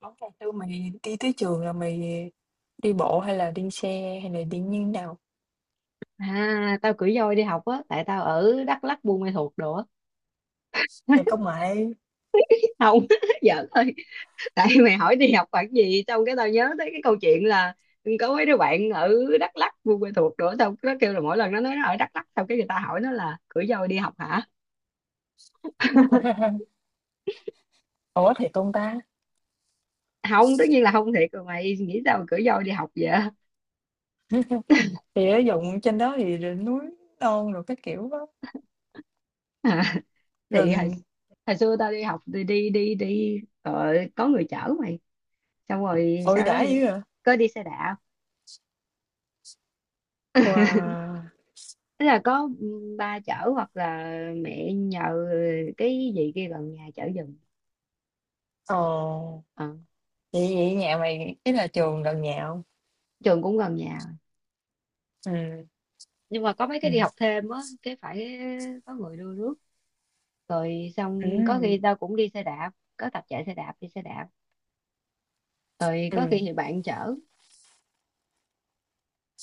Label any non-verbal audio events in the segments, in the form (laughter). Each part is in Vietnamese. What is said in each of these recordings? Món cà chua mày đi tới trường là mày đi bộ hay là đi xe hay là đi như thế nào? À, tao cưỡi voi đi học á, tại tao ở Đắk Lắk Buôn Ma Thuột đồ á. Thầy (laughs) công nghệ. Không. (laughs) Giỡn thôi. Tại mày hỏi đi học khoảng gì xong cái tao nhớ tới cái câu chuyện là có mấy đứa bạn ở Đắk Lắk Buôn Ma Thuột đồ á, tao nó kêu là mỗi lần nó nói nó ở Đắk Lắk xong cái người ta hỏi nó là cưỡi voi đi học hả. Ủa thiệt không ta? Không, tất nhiên là không, thiệt rồi mày nghĩ sao mà cưỡi voi đi học vậy. (laughs) Thì ở dụng trên đó thì rồi núi non rồi cái kiểu đó. À, thì hồi, Rừng. hồi xưa tao đi học thì đi đi đi ờ, có người chở mày, xong rồi Ôi sau đó đã thì dữ à. có đi xe đạp. Wow. Tức là có ba chở hoặc là mẹ nhờ cái gì kia gần nhà chở giùm. Ồ. Ờ, Vậy vậy nhà mày ý là trường gần nhà không? trường cũng gần nhà, Ừ. nhưng mà có mấy Ừ. cái đi học thêm á cái phải có người đưa rước, rồi Ừ. xong có khi tao cũng đi xe đạp, có tập chạy xe đạp đi xe đạp, rồi có khi Ừ. thì bạn chở.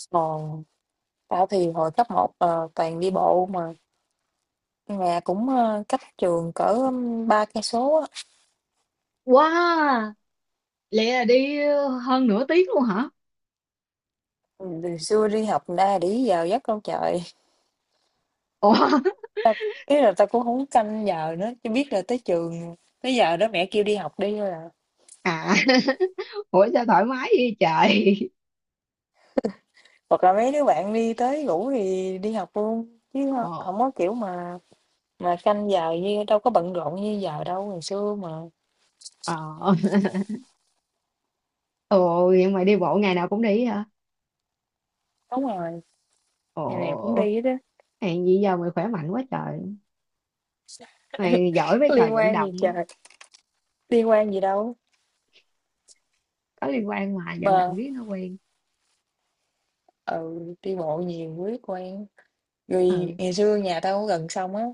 Ồ. Tao thì hồi cấp 1 toàn đi bộ mà nhà cũng cách trường cỡ ba cây số á. Wow, lẽ là đi hơn nửa tiếng luôn hả? Ừ, từ xưa đi học ra đi vào giấc đâu trời. Ủa. Ta ý là ta cũng không canh giờ nữa, chỉ biết là tới trường, tới giờ đó mẹ kêu đi học đi thôi à. À. (laughs) Ủa sao thoải mái vậy trời. Hoặc là mấy đứa bạn đi tới ngủ thì đi học luôn chứ, Ồ. không có kiểu mà canh giờ như đâu có bận rộn như giờ đâu, ngày xưa mà. Ờ. Ồ, vậy mà đi bộ ngày nào cũng đi hả? Đúng rồi, ngày nào cũng Ồ. đi hết á. Hèn gì giờ mày khỏe mạnh quá trời. Mày giỏi với Có trò liên vận quan động. gì trời, liên quan gì đâu Có liên quan mà, vận động mà. riết nó quen. Ừ, đi bộ nhiều quý quen. Rồi Ừ. ngày xưa nhà tao có gần sông á.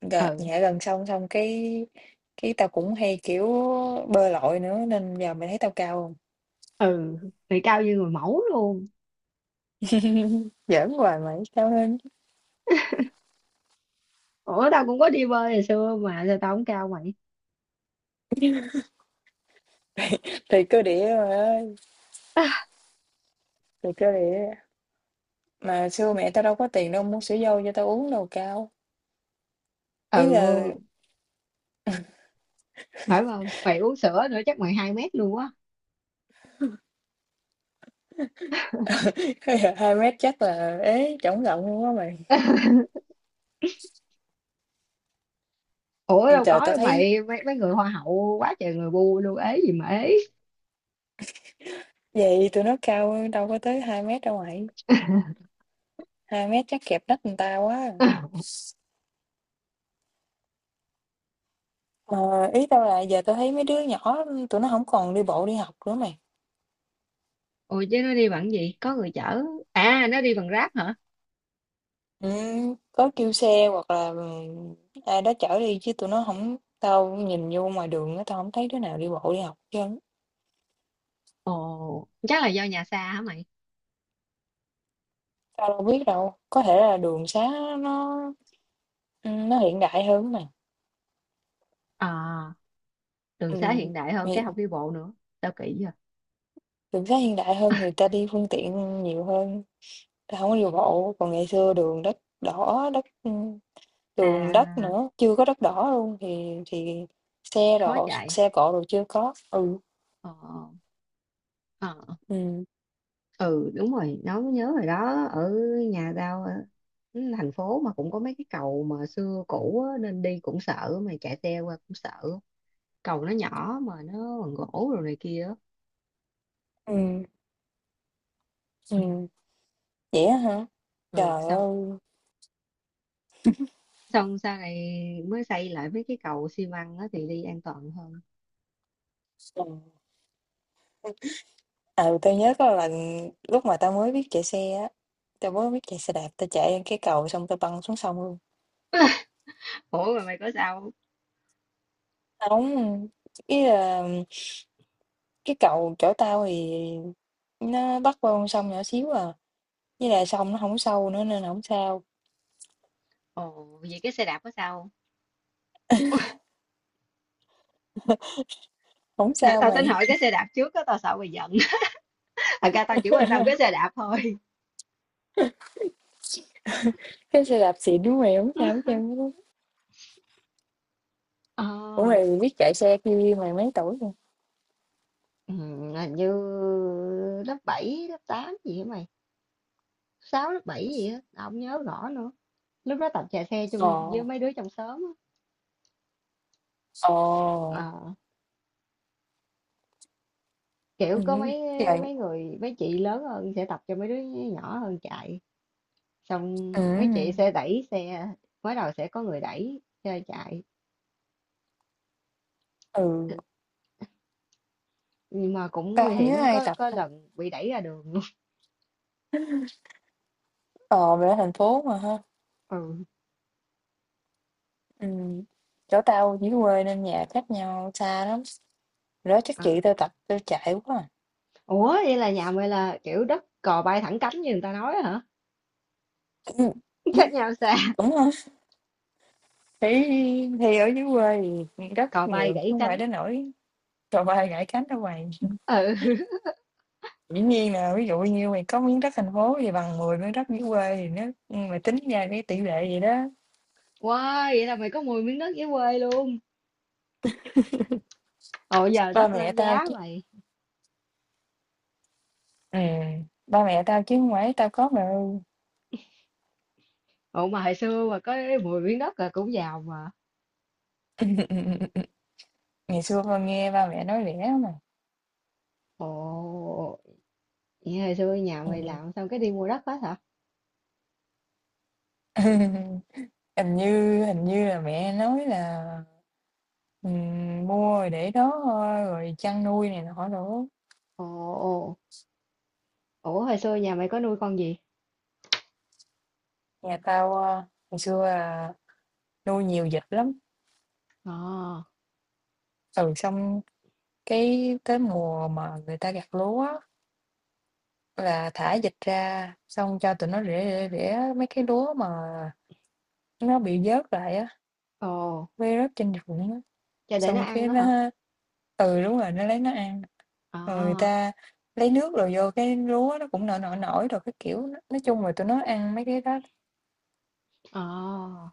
Ừ. Nhà gần sông, xong cái tao cũng hay kiểu bơi lội nữa nên giờ mày thấy tao cao không. Ừ. Mày cao như người mẫu luôn. Giỡn hoài mày sao hơn, Ủa tao cũng có đi bơi hồi xưa mà sao tao không cao mày? thì cơ địa rồi ơi, (laughs) thì cơ địa. Mà xưa mẹ tao đâu có tiền đâu mua sữa dâu cho tao uống đâu cao. Ý Ừ, là phải không? Mày uống sữa nữa chắc mày 2 mét luôn á. (laughs) hai mét chắc là ế chổng rộng luôn á mày. Ủa đâu Trời có tao đâu thấy mày, mấy, mấy người hoa hậu quá trời người bu luôn, ế gì mà ế. vậy tụi nó cao hơn, đâu có tới hai mét đâu mày. Hai mét chắc kẹp nách người ta quá. (laughs) Mà ý tao là giờ tao thấy mấy đứa nhỏ tụi nó không còn đi bộ đi học nữa mày. Ồ chứ nó đi bằng gì? Có người chở. À nó đi bằng Grab hả? Ừ, có kêu xe hoặc là ai đó chở đi chứ tụi nó không, tao nhìn vô ngoài đường á tao không thấy đứa nào đi bộ đi học chứ. Ồ chắc là do nhà xa hả mày? Tao đâu biết đâu, có thể là đường xá nó, ừ, nó hiện đại hơn mà. À, đường xá hiện Ừm, đại hơn thì cái không đi bộ nữa. Tao kỹ vậy? đường xá hiện đại hơn thì ta đi phương tiện nhiều hơn, ta hổng có đi bộ, còn ngày xưa đường đất đỏ, đất, đường đất À, nữa, chưa có đất đỏ luôn thì xe khó độ chạy. xe cộ đồ chưa có. Ừ, Ờ. Ờ. ừ, Ừ đúng rồi, nói mới nhớ rồi đó, ở nhà tao ở thành phố mà cũng có mấy cái cầu mà xưa cũ á, nên đi cũng sợ mà chạy xe qua cũng sợ, cầu nó nhỏ mà nó bằng gỗ rồi này kia á. ừ. Ừ. ừm, Vậy á hả? Ừ, Trời xong, ơi! xong sau này mới xây lại mấy cái cầu xi măng á thì đi an toàn hơn. Ừ. À, tao nhớ có lần lúc mà tao mới biết chạy xe á, tao mới biết chạy xe đạp, tao chạy lên cái cầu xong tao băng xuống sông luôn. Ủa mà mày có sao không? Hông, ý là cái cầu chỗ tao thì nó bắt qua con sông nhỏ xíu à, với là sông nó không sâu nữa nên là không sao, Ồ, vậy cái xe đạp có sao không? không (laughs) sao Tao tính mày. hỏi cái xe đạp trước á, tao sợ mày giận. (laughs) Thật ra tao chỉ quan tâm cái xe (laughs) đạp thôi. Cái xe đạp xịn của mày không sao hết trơn á. Ờ. Ủa, mày biết chạy xe kia mày mấy tuổi rồi? Hình như lớp 7 lớp 8 gì hả mày? Sáu lớp 7 gì á, tao không nhớ rõ nữa. Lúc đó tập chạy xe Ồ. chung với mấy đứa trong xóm á. Ồ. Ờ, kiểu có ừm, mấy, trời, mấy người mấy chị lớn hơn sẽ tập cho mấy đứa nhỏ hơn chạy. Xong mấy chị ừm, sẽ đẩy xe, mới đầu sẽ có người đẩy xe chạy. ừ, Nhưng mà cũng Tao nguy hông nhớ hiểm, ai có tập có ta. lần bị đẩy ra đường (laughs) luôn. Ờ, mày ở thành phố mà ha. Ừ. ừm, Chỗ tao dưới quê nên nhà cách nhau xa lắm, hồi đó chắc À. chị tao tập tao chạy quá à. Ủa vậy là nhà mày là kiểu đất cò bay thẳng cánh như người ta nói hả? Ừ. (laughs) Cách nhau xa, Đúng rồi, thì thì ở dưới quê thì rất cò bay nhiều chứ gãy không phải cánh. đến nỗi trời ơi gãy cánh đâu mày. Ừ. Dĩ nhiên là ví dụ như mày có miếng đất thành phố thì bằng 10 miếng đất dưới quê thì nếu mà tính ra cái tỷ lệ gì đó. Wow, vậy là mày có 10 miếng đất dưới quê luôn. Ồ giờ Ba đất mẹ lên tao giá chứ, mày. ừ, ba mẹ tao chứ không phải tao có mà. Ồ mà hồi xưa mà có 10 miếng đất là cũng giàu mà. (laughs) Ngày xưa con nghe ba mẹ nói rẻ mà. Ồ, vậy hồi xưa nhà Ừ. mày làm xong cái đi mua đất hết hả? (laughs) Hình như là mẹ nói là, ừ, mua rồi để đó thôi rồi chăn nuôi này nọ nữa. Ồ. Ồ. Ủa hồi xưa nhà mày có nuôi con gì? Nhà tao ngày xưa nuôi nhiều vịt lắm, Ồ. ừ, xong cái tới mùa mà người ta gặt lúa á, là thả vịt ra, xong cho tụi nó rễ rễ rễ mấy cái lúa mà nó bị vớt lại á, Ồ. vơi rớt trên ruộng á, Cho để nó xong ăn cái đó hả? nó, ừ, đúng rồi, nó lấy nó ăn. Ồ. Rồi người ta lấy nước rồi vô cái lúa nó cũng nổi nổi nổi rồi cái kiểu, nói chung là tụi nó ăn mấy cái đó. Ồ.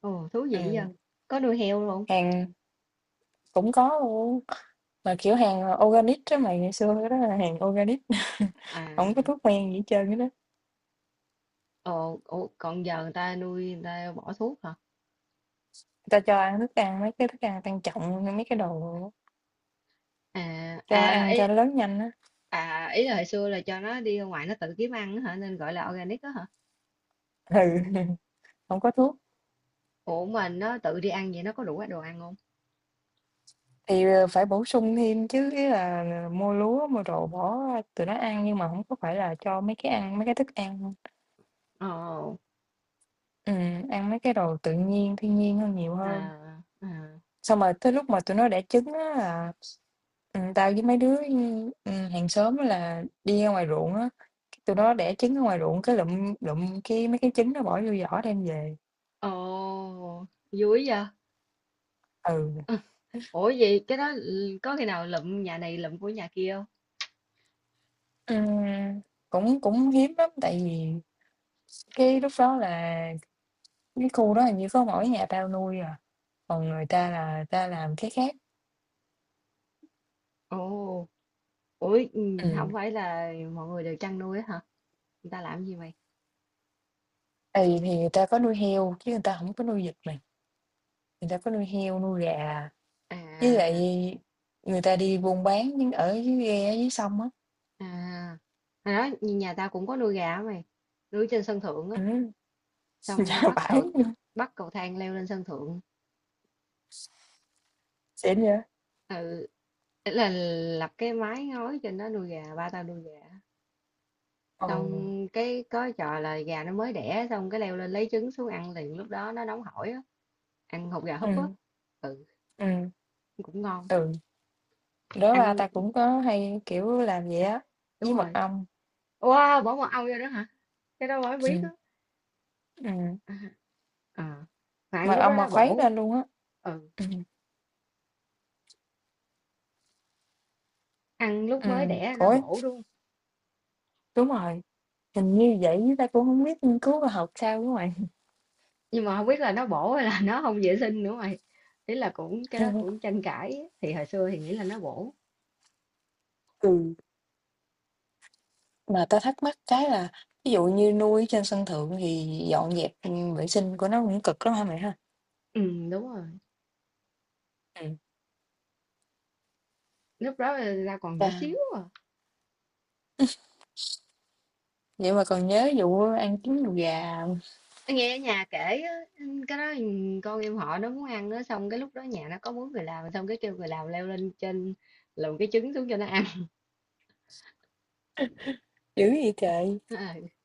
Ồ, thú vị vậy. Ừ, Có nuôi heo luôn. hàng cũng có luôn, mà kiểu hàng organic đó mày, ngày xưa đó là hàng organic, (laughs) À. không có thuốc men gì hết trơn á. Ồ, ủa, còn giờ người ta nuôi người ta bỏ thuốc hả? Ta cho ăn thức ăn mấy cái thức ăn tăng trọng, mấy cái đồ À, cho à, ăn cho ý, nó lớn nhanh á. à, ý là hồi xưa là cho nó đi ra ngoài nó tự kiếm ăn á hả, nên gọi là organic đó hả? Ừ, (laughs) hổng có thuốc. Ủa mình nó tự đi ăn vậy nó có đủ đồ ăn không? Thì, phải bổ sung thêm chứ, ý là mua lúa, mua đồ bỏ tụi nó ăn nhưng mà không có phải là cho mấy cái ăn mấy cái thức ăn, Ồ. Ăn mấy cái đồ tự nhiên, thiên nhiên hơn nhiều hơn. À. À. Xong rồi tới lúc mà tụi nó đẻ trứng á là, tao với mấy đứa, hàng xóm á là đi ra ngoài ruộng á, tụi nó đẻ trứng ở ngoài ruộng cái lụm lụm cái mấy cái trứng nó bỏ vô giỏ đem về. Ồ, vui vậy? Ừ. (laughs) Ủa vậy cái đó, ừ, có khi nào lụm nhà này lụm của nhà kia không? Ừm, cũng cũng hiếm lắm, tại vì cái lúc đó là cái khu đó hình như có mỗi nhà tao nuôi à, còn người ta là ta làm cái khác. Ồ, ủa, ừ, Ừm, không phải là mọi người đều chăn nuôi á hả? Người ta làm gì mày? Tại vì thì người ta có nuôi heo chứ người ta không có nuôi vịt mày, người ta có nuôi heo, nuôi gà, với lại À. người ta đi buôn bán ở dưới ghe, dưới sông á. À, hồi đó nhà tao cũng có nuôi gà á mày, nuôi trên sân thượng á. Ừm, (laughs) dạ Xong bắt vãi cầu, luôn, bắt cầu thang leo lên sân thượng. xịn vậy. Ừ, ý là lập cái mái ngói trên đó nuôi gà, ba tao nuôi gà, Ừ, xong cái có trò là gà nó mới đẻ xong cái leo lên lấy trứng xuống ăn liền lúc đó nó nóng hổi á, ăn hột gà húp á. ừm, Ừ, ừm, cũng ngon. ừ, đó ba Ăn, ta cũng có hay, kiểu, làm vậy á, đúng với rồi. Wow bỏ mật ong vô đó hả? Cái đó mới biết á. ừm, ừm, (laughs) À, à. Mà ăn mật lúc đó ong mà nó khuấy bổ. lên luôn á. Ừ, Ừm, ăn lúc mới đẻ nó ủa, bổ đúng không? đúng rồi, hình như vậy chứ ta cũng hổng biết nghiên cứu khoa học sao đúng hông bạn? Nhưng mà không biết là nó bổ hay là (laughs) nó không vệ sinh nữa mày. Ý là cũng cái đó cũng tranh cãi, thì hồi xưa thì nghĩ là nó bổ. Ừ, mà ta thắc mắc cái là ví dụ như nuôi ở trên sân thượng thì dọn dẹp, vệ sinh của nó cũng cực lắm hả mày ha? Đúng rồi, Ừm. lúc đó là tao còn nhỏ Ta xíu à. vậy mà còn nhớ vụ ăn trứng đùi gà hông? Nghe ở nhà kể á, cái đó, con em họ nó muốn ăn á, xong cái lúc đó nhà nó có 4 người làm, xong cái kêu người làm leo lên trên luồn cái trứng xuống cho nó ăn. Dữ vậy trời! (laughs)